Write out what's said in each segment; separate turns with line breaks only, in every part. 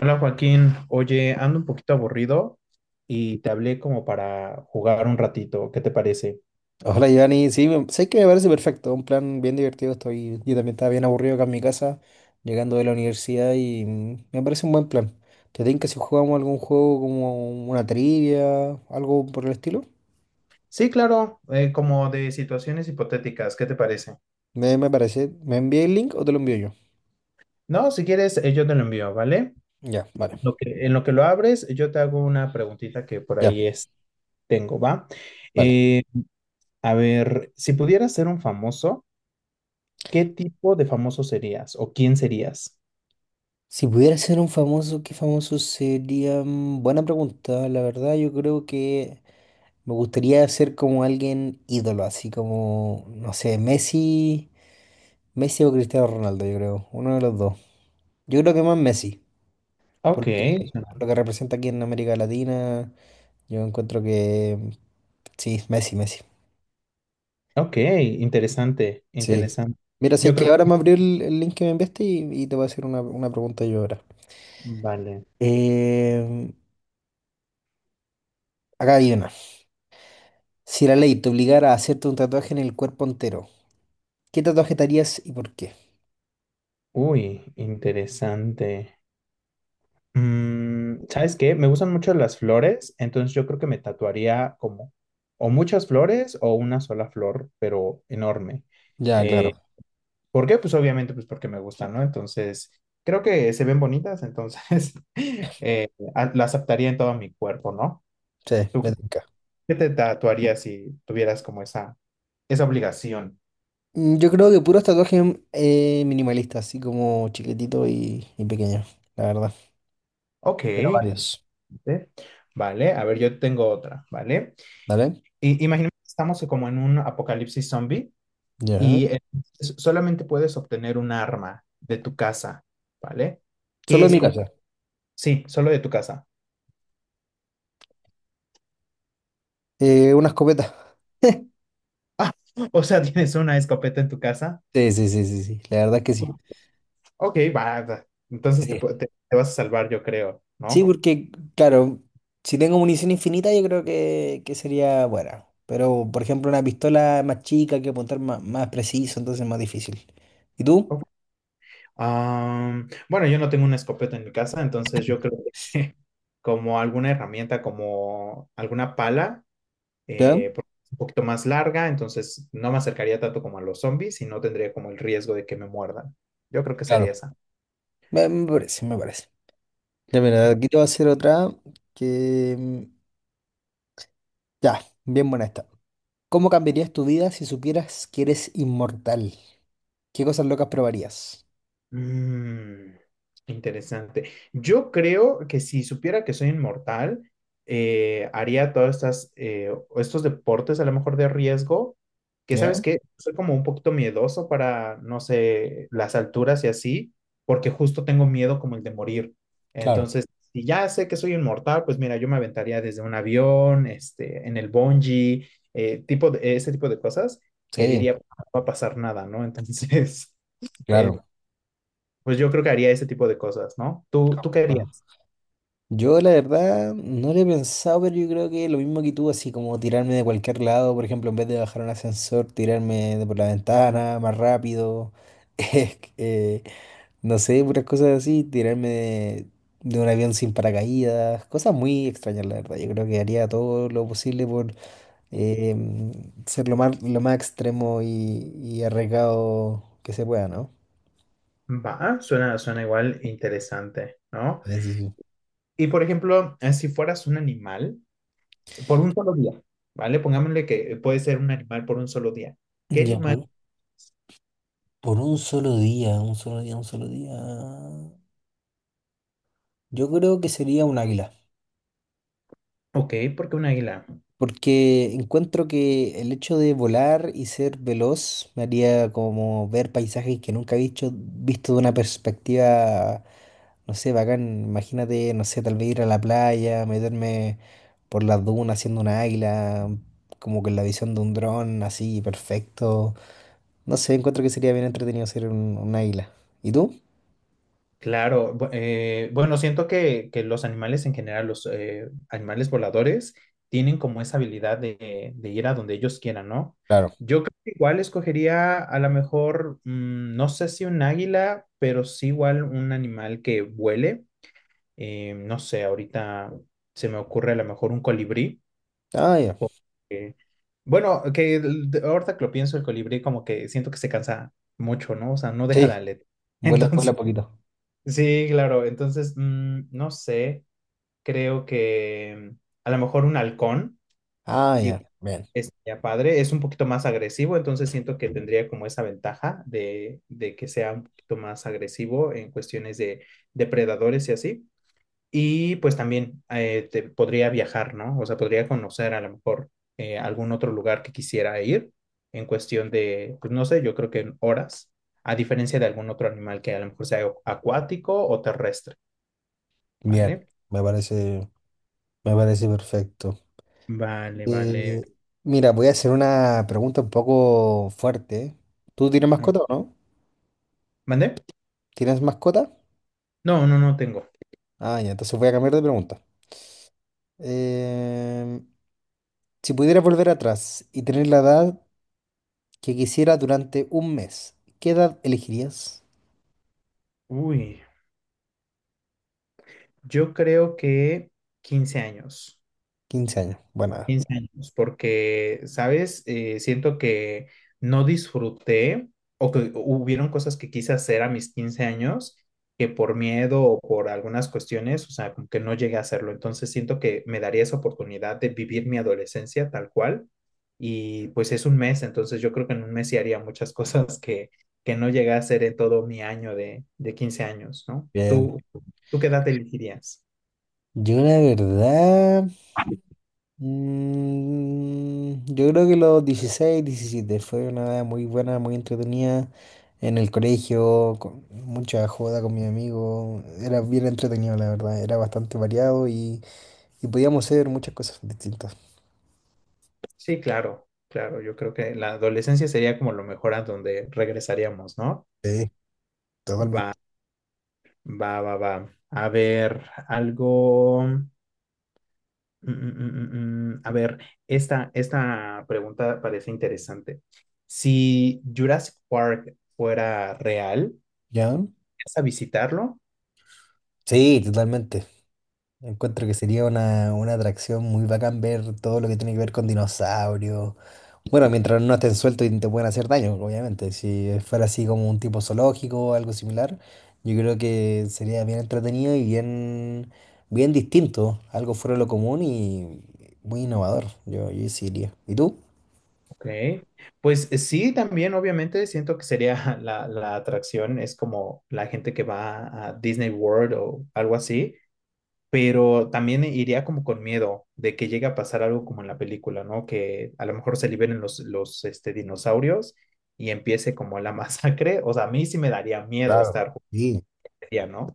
Hola Joaquín, oye, ando un poquito aburrido y te hablé como para jugar un ratito, ¿qué te parece?
Hola, Giovanni. Sí, sé que me parece perfecto. Un plan bien divertido. Yo también estaba bien aburrido acá en mi casa, llegando de la universidad y me parece un buen plan. ¿Te tinca si jugamos algún juego como una trivia, algo por el estilo?
Sí, claro, como de situaciones hipotéticas, ¿qué te parece?
Me parece. ¿Me envía el link o te lo envío yo?
No, si quieres, yo te lo envío, ¿vale?
Ya, vale.
En lo que lo abres, yo te hago una preguntita que por
Ya,
ahí es, tengo, ¿va?
vale.
Eh, a ver, si pudieras ser un famoso, ¿qué tipo de famoso serías o quién serías?
Si pudiera ser un famoso, ¿qué famoso sería? Buena pregunta. La verdad, yo creo que me gustaría ser como alguien ídolo, así como, no sé, Messi. Messi o Cristiano Ronaldo, yo creo. Uno de los dos. Yo creo que más Messi,
Ok, suena-
por lo que representa aquí en América Latina. Yo encuentro que sí, Messi.
ok, interesante,
Sí.
interesante.
Mira, sé
Yo
que
creo,
ahora me abrió el link que me enviaste y te voy a hacer una pregunta yo ahora.
vale.
Em, Acá hay una. Si la ley te obligara a hacerte un tatuaje en el cuerpo entero, ¿qué tatuaje te harías y por qué?
Uy, interesante. Mm, ¿sabes qué? Me gustan mucho las flores, entonces yo creo que me tatuaría como o muchas flores o una sola flor, pero enorme.
Ya,
Eh,
claro.
¿Por qué? Pues obviamente pues porque me gustan, ¿no? Entonces, creo que se ven bonitas, entonces eh, las aceptaría en todo mi cuerpo, ¿no?
Sí,
¿Tú
me
qué
tinca.
qué te tatuarías si tuvieras como esa obligación?
Yo creo que puros tatuajes minimalistas, así como chiquititos y pequeños, la verdad.
Ok,
Pero
¿eh?
varios,
Vale, a ver, yo tengo otra, ¿vale?
¿vale?
Imaginemos que estamos como en un apocalipsis zombie
Ya.
y solamente puedes obtener un arma de tu casa, ¿vale? ¿Qué
Solo en mi
esco-
casa.
Sí, solo de tu casa.
Una escopeta.
Ah, o sea, ¿tienes una escopeta en tu casa?
Sí, sí, sí, sí, sí, la verdad es que sí.
Ok, va, va. Entonces te,
Sí,
pu- te- te vas a salvar, yo creo,
sí,
¿no?
porque, claro, si tengo munición infinita, yo creo que sería buena. Pero, por ejemplo, una pistola más chica, hay que apuntar más, más preciso, entonces es más difícil. ¿Y tú?
Bueno, yo no tengo una escopeta en mi casa, entonces yo creo que como alguna herramienta, como alguna pala,
¿Ya?
porque es un poquito más larga, entonces no me acercaría tanto como a los zombies y no tendría como el riesgo de que me muerdan. Yo creo que
Claro.
sería esa.
Me parece, me parece. Ya, mira, aquí te voy a hacer otra que... Ya, bien buena esta. ¿Cómo cambiarías tu vida si supieras que eres inmortal? ¿Qué cosas locas probarías?
Mm, interesante. Yo creo que si supiera que soy inmortal, haría todas estas, estos deportes a lo mejor de riesgo, que sabes
¿Ya?
que soy como un poquito miedoso para, no sé, las alturas y así, porque justo tengo miedo como el de morir.
Claro.
Entonces, si ya sé que soy inmortal, pues mira, yo me aventaría desde un avión, este, en el bungee, ese tipo de cosas que
Sí,
diría, no va a pasar nada, ¿no? Entonces... eh,
claro.
pues yo creo que haría ese tipo de cosas, ¿no? ¿Tú qué
Bueno,
harías?
yo la verdad no lo he pensado, pero yo creo que lo mismo que tú, así como tirarme de cualquier lado, por ejemplo, en vez de bajar un ascensor, tirarme de por la ventana más rápido, eh, eh, no sé, puras cosas así, de un avión sin paracaídas, cosas muy extrañas, la verdad. Yo creo que haría todo lo posible por eh, ser lo más extremo y arriesgado que se pueda, ¿no?
Va, suena, suena igual interesante, ¿no?
Sí, sí, sí.
Y por ejemplo, si fueras un animal por un solo día, ¿vale? Pongámosle que puede ser un animal por un solo día. ¿Qué
Ya,
animal?
por un solo día, un solo día. Yo creo que sería un águila.
Ok, porque un águila.
Porque encuentro que el hecho de volar y ser veloz me haría como ver paisajes que nunca he visto de una perspectiva, no sé, bacán. Imagínate, no sé, tal vez ir a la playa, meterme por las dunas haciendo una águila, como con la visión de un dron, así, perfecto. No sé, encuentro que sería bien entretenido ser un águila. ¿Y tú?
Claro, bueno, siento que los animales en general, los animales voladores, tienen como esa habilidad de ir a donde ellos quieran, ¿no?
Claro.
Yo creo que igual escogería a lo mejor, mm, no sé si un águila, pero sí igual un animal que vuele. No sé, ahorita se me ocurre a lo mejor un colibrí.
Ah, ya.
Porque- bueno, ahorita que lo pienso, el colibrí como que siento que se cansa mucho, ¿no? O sea, no deja de
Sí, vuela, vuela
Entonces...
poquito.
Sí, claro. Entonces, mm, no sé, creo que mm, a lo mejor un halcón
Ah,
y
ya. Bien.
estaría padre. Es un poquito más agresivo, entonces siento que tendría como esa ventaja de que sea un poquito más agresivo en cuestiones de depredadores y así. Y pues también podría viajar, ¿no? O sea, podría conocer a lo mejor algún otro lugar que quisiera ir en cuestión de, pues no sé, yo creo que en horas, a diferencia de algún otro animal que a lo mejor sea acuático o terrestre.
Bien,
Vale,
me parece, me parece perfecto.
vale, vale.
Eh, mira, voy a hacer una pregunta un poco fuerte. ¿Tú tienes
A ver,
mascota o no?
¿mandé?
¿Tienes mascota?
No, no, no tengo.
Ah, ya, entonces voy a cambiar de pregunta. Em, si pudieras volver atrás y tener la edad que quisieras durante un mes, ¿qué edad elegirías?
Uy, yo creo que 15 años.
15 años. Bueno,
Quince años, porque, ¿sabes? Siento que no disfruté o que hubieron cosas que quise hacer a mis 15 años que por miedo o por algunas cuestiones, o sea, como que no llegué a hacerlo. Entonces siento que me daría esa oportunidad de vivir mi adolescencia tal cual y pues es un mes, entonces yo creo que en un mes sí haría muchas cosas que no llegué a hacer en todo mi año de 15 años, ¿no?
bien.
¿Tú qué edad elegirías?
Yo la verdad... yo creo que los 16 17 fue una edad muy buena, muy entretenida. En el colegio, con mucha joda con mis amigos. Era bien entretenido, la verdad. Era bastante variado y podíamos hacer muchas cosas distintas.
Sí, claro, claro. Yo creo que la adolescencia sería como lo mejor a donde regresaríamos, ¿no?
Sí,
Va,
totalmente.
va, va, va. A ver, algo. A ver, esta pregunta parece interesante. Si Jurassic Park fuera real,
¿Ya?
¿vas a visitarlo?
Sí, totalmente. Encuentro que sería una atracción muy bacán ver todo lo que tiene que ver con dinosaurios. Bueno, mientras no estén sueltos y no te pueden hacer daño, obviamente. Si fuera así como un tipo zoológico o algo similar, yo creo que sería bien entretenido y bien distinto. Algo fuera de lo común y muy innovador. Yo sí iría. ¿Y tú?
Ok. Pues sí, también obviamente siento que sería la atracción, es como la gente que va a Disney World o algo así, pero también iría como con miedo de que llegue a pasar algo como en la película, ¿no? Que a lo mejor se liberen los este, dinosaurios y empiece como la masacre. O sea, a mí sí me daría miedo
Claro.
estar
Sí,
jugaría, ¿no?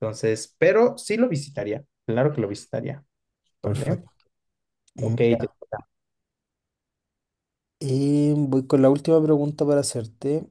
Entonces, pero sí lo visitaría, claro que lo visitaría, ¿vale?
perfecto.
Ok, te-
Mira, voy con la última pregunta para hacerte,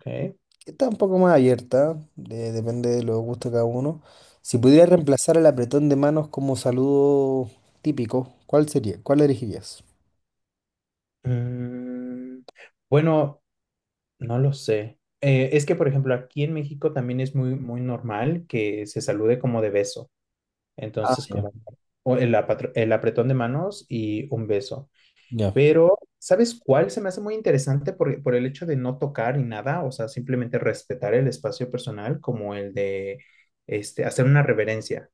ok.
que está un poco más abierta, depende de los gustos de cada uno. Si pudieras reemplazar el apretón de manos como saludo típico, ¿cuál sería? ¿Cuál elegirías?
Mm, bueno, no lo sé. Es que, por ejemplo, aquí en México también es muy, muy normal que se salude como de beso.
Ah,
Entonces,
ya,
como o el apretón de manos y un beso.
ya.
Pero, ¿sabes cuál se me hace muy interesante por el hecho de no tocar ni nada? O sea, simplemente respetar el espacio personal, como el de este, hacer una reverencia,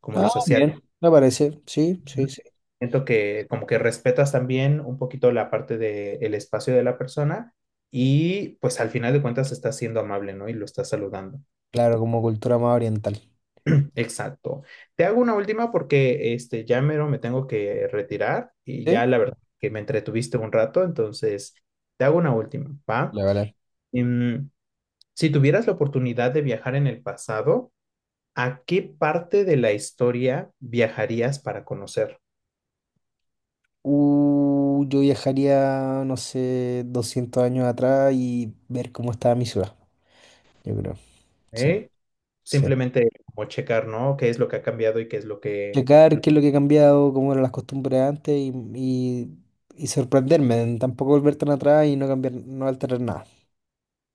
como
Ah,
los asiáticos.
bien, me parece. Sí,
¿No?
sí, sí.
Siento que como que respetas también un poquito la parte del espacio de la persona y pues al final de cuentas estás siendo amable, ¿no? Y lo estás saludando.
Claro, como cultura más oriental.
Exacto. Te hago una última porque este, ya mero me tengo que retirar y
Sí,
ya la verdad que me entretuviste un rato, entonces te hago una última, ¿va?
vale, vale.
Em, si tuvieras la oportunidad de viajar en el pasado, ¿a qué parte de la historia viajarías para conocer?
Yo viajaría, no sé, 200 años atrás y ver cómo estaba mi ciudad, yo creo. Sí,
¿Eh?
sí.
Simplemente como checar, ¿no? ¿Qué es lo que ha cambiado y qué es lo que,
Checar qué es lo que ha cambiado, cómo eran las costumbres antes y, y sorprenderme. Tampoco volver tan atrás y no cambiar, no alterar nada.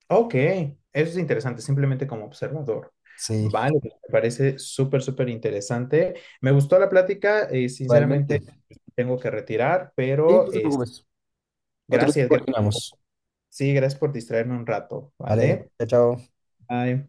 Ok, eso es interesante, simplemente como observador.
Sí,
Vale, pues, me parece súper, súper interesante. Me gustó la plática, sinceramente
realmente.
tengo que retirar,
Sí,
pero
no te
es
preocupes. Otro día
gracias, gracias.
coordinamos.
Sí, gracias por distraerme un rato,
Vale,
¿vale?
chao, chao.
Bye.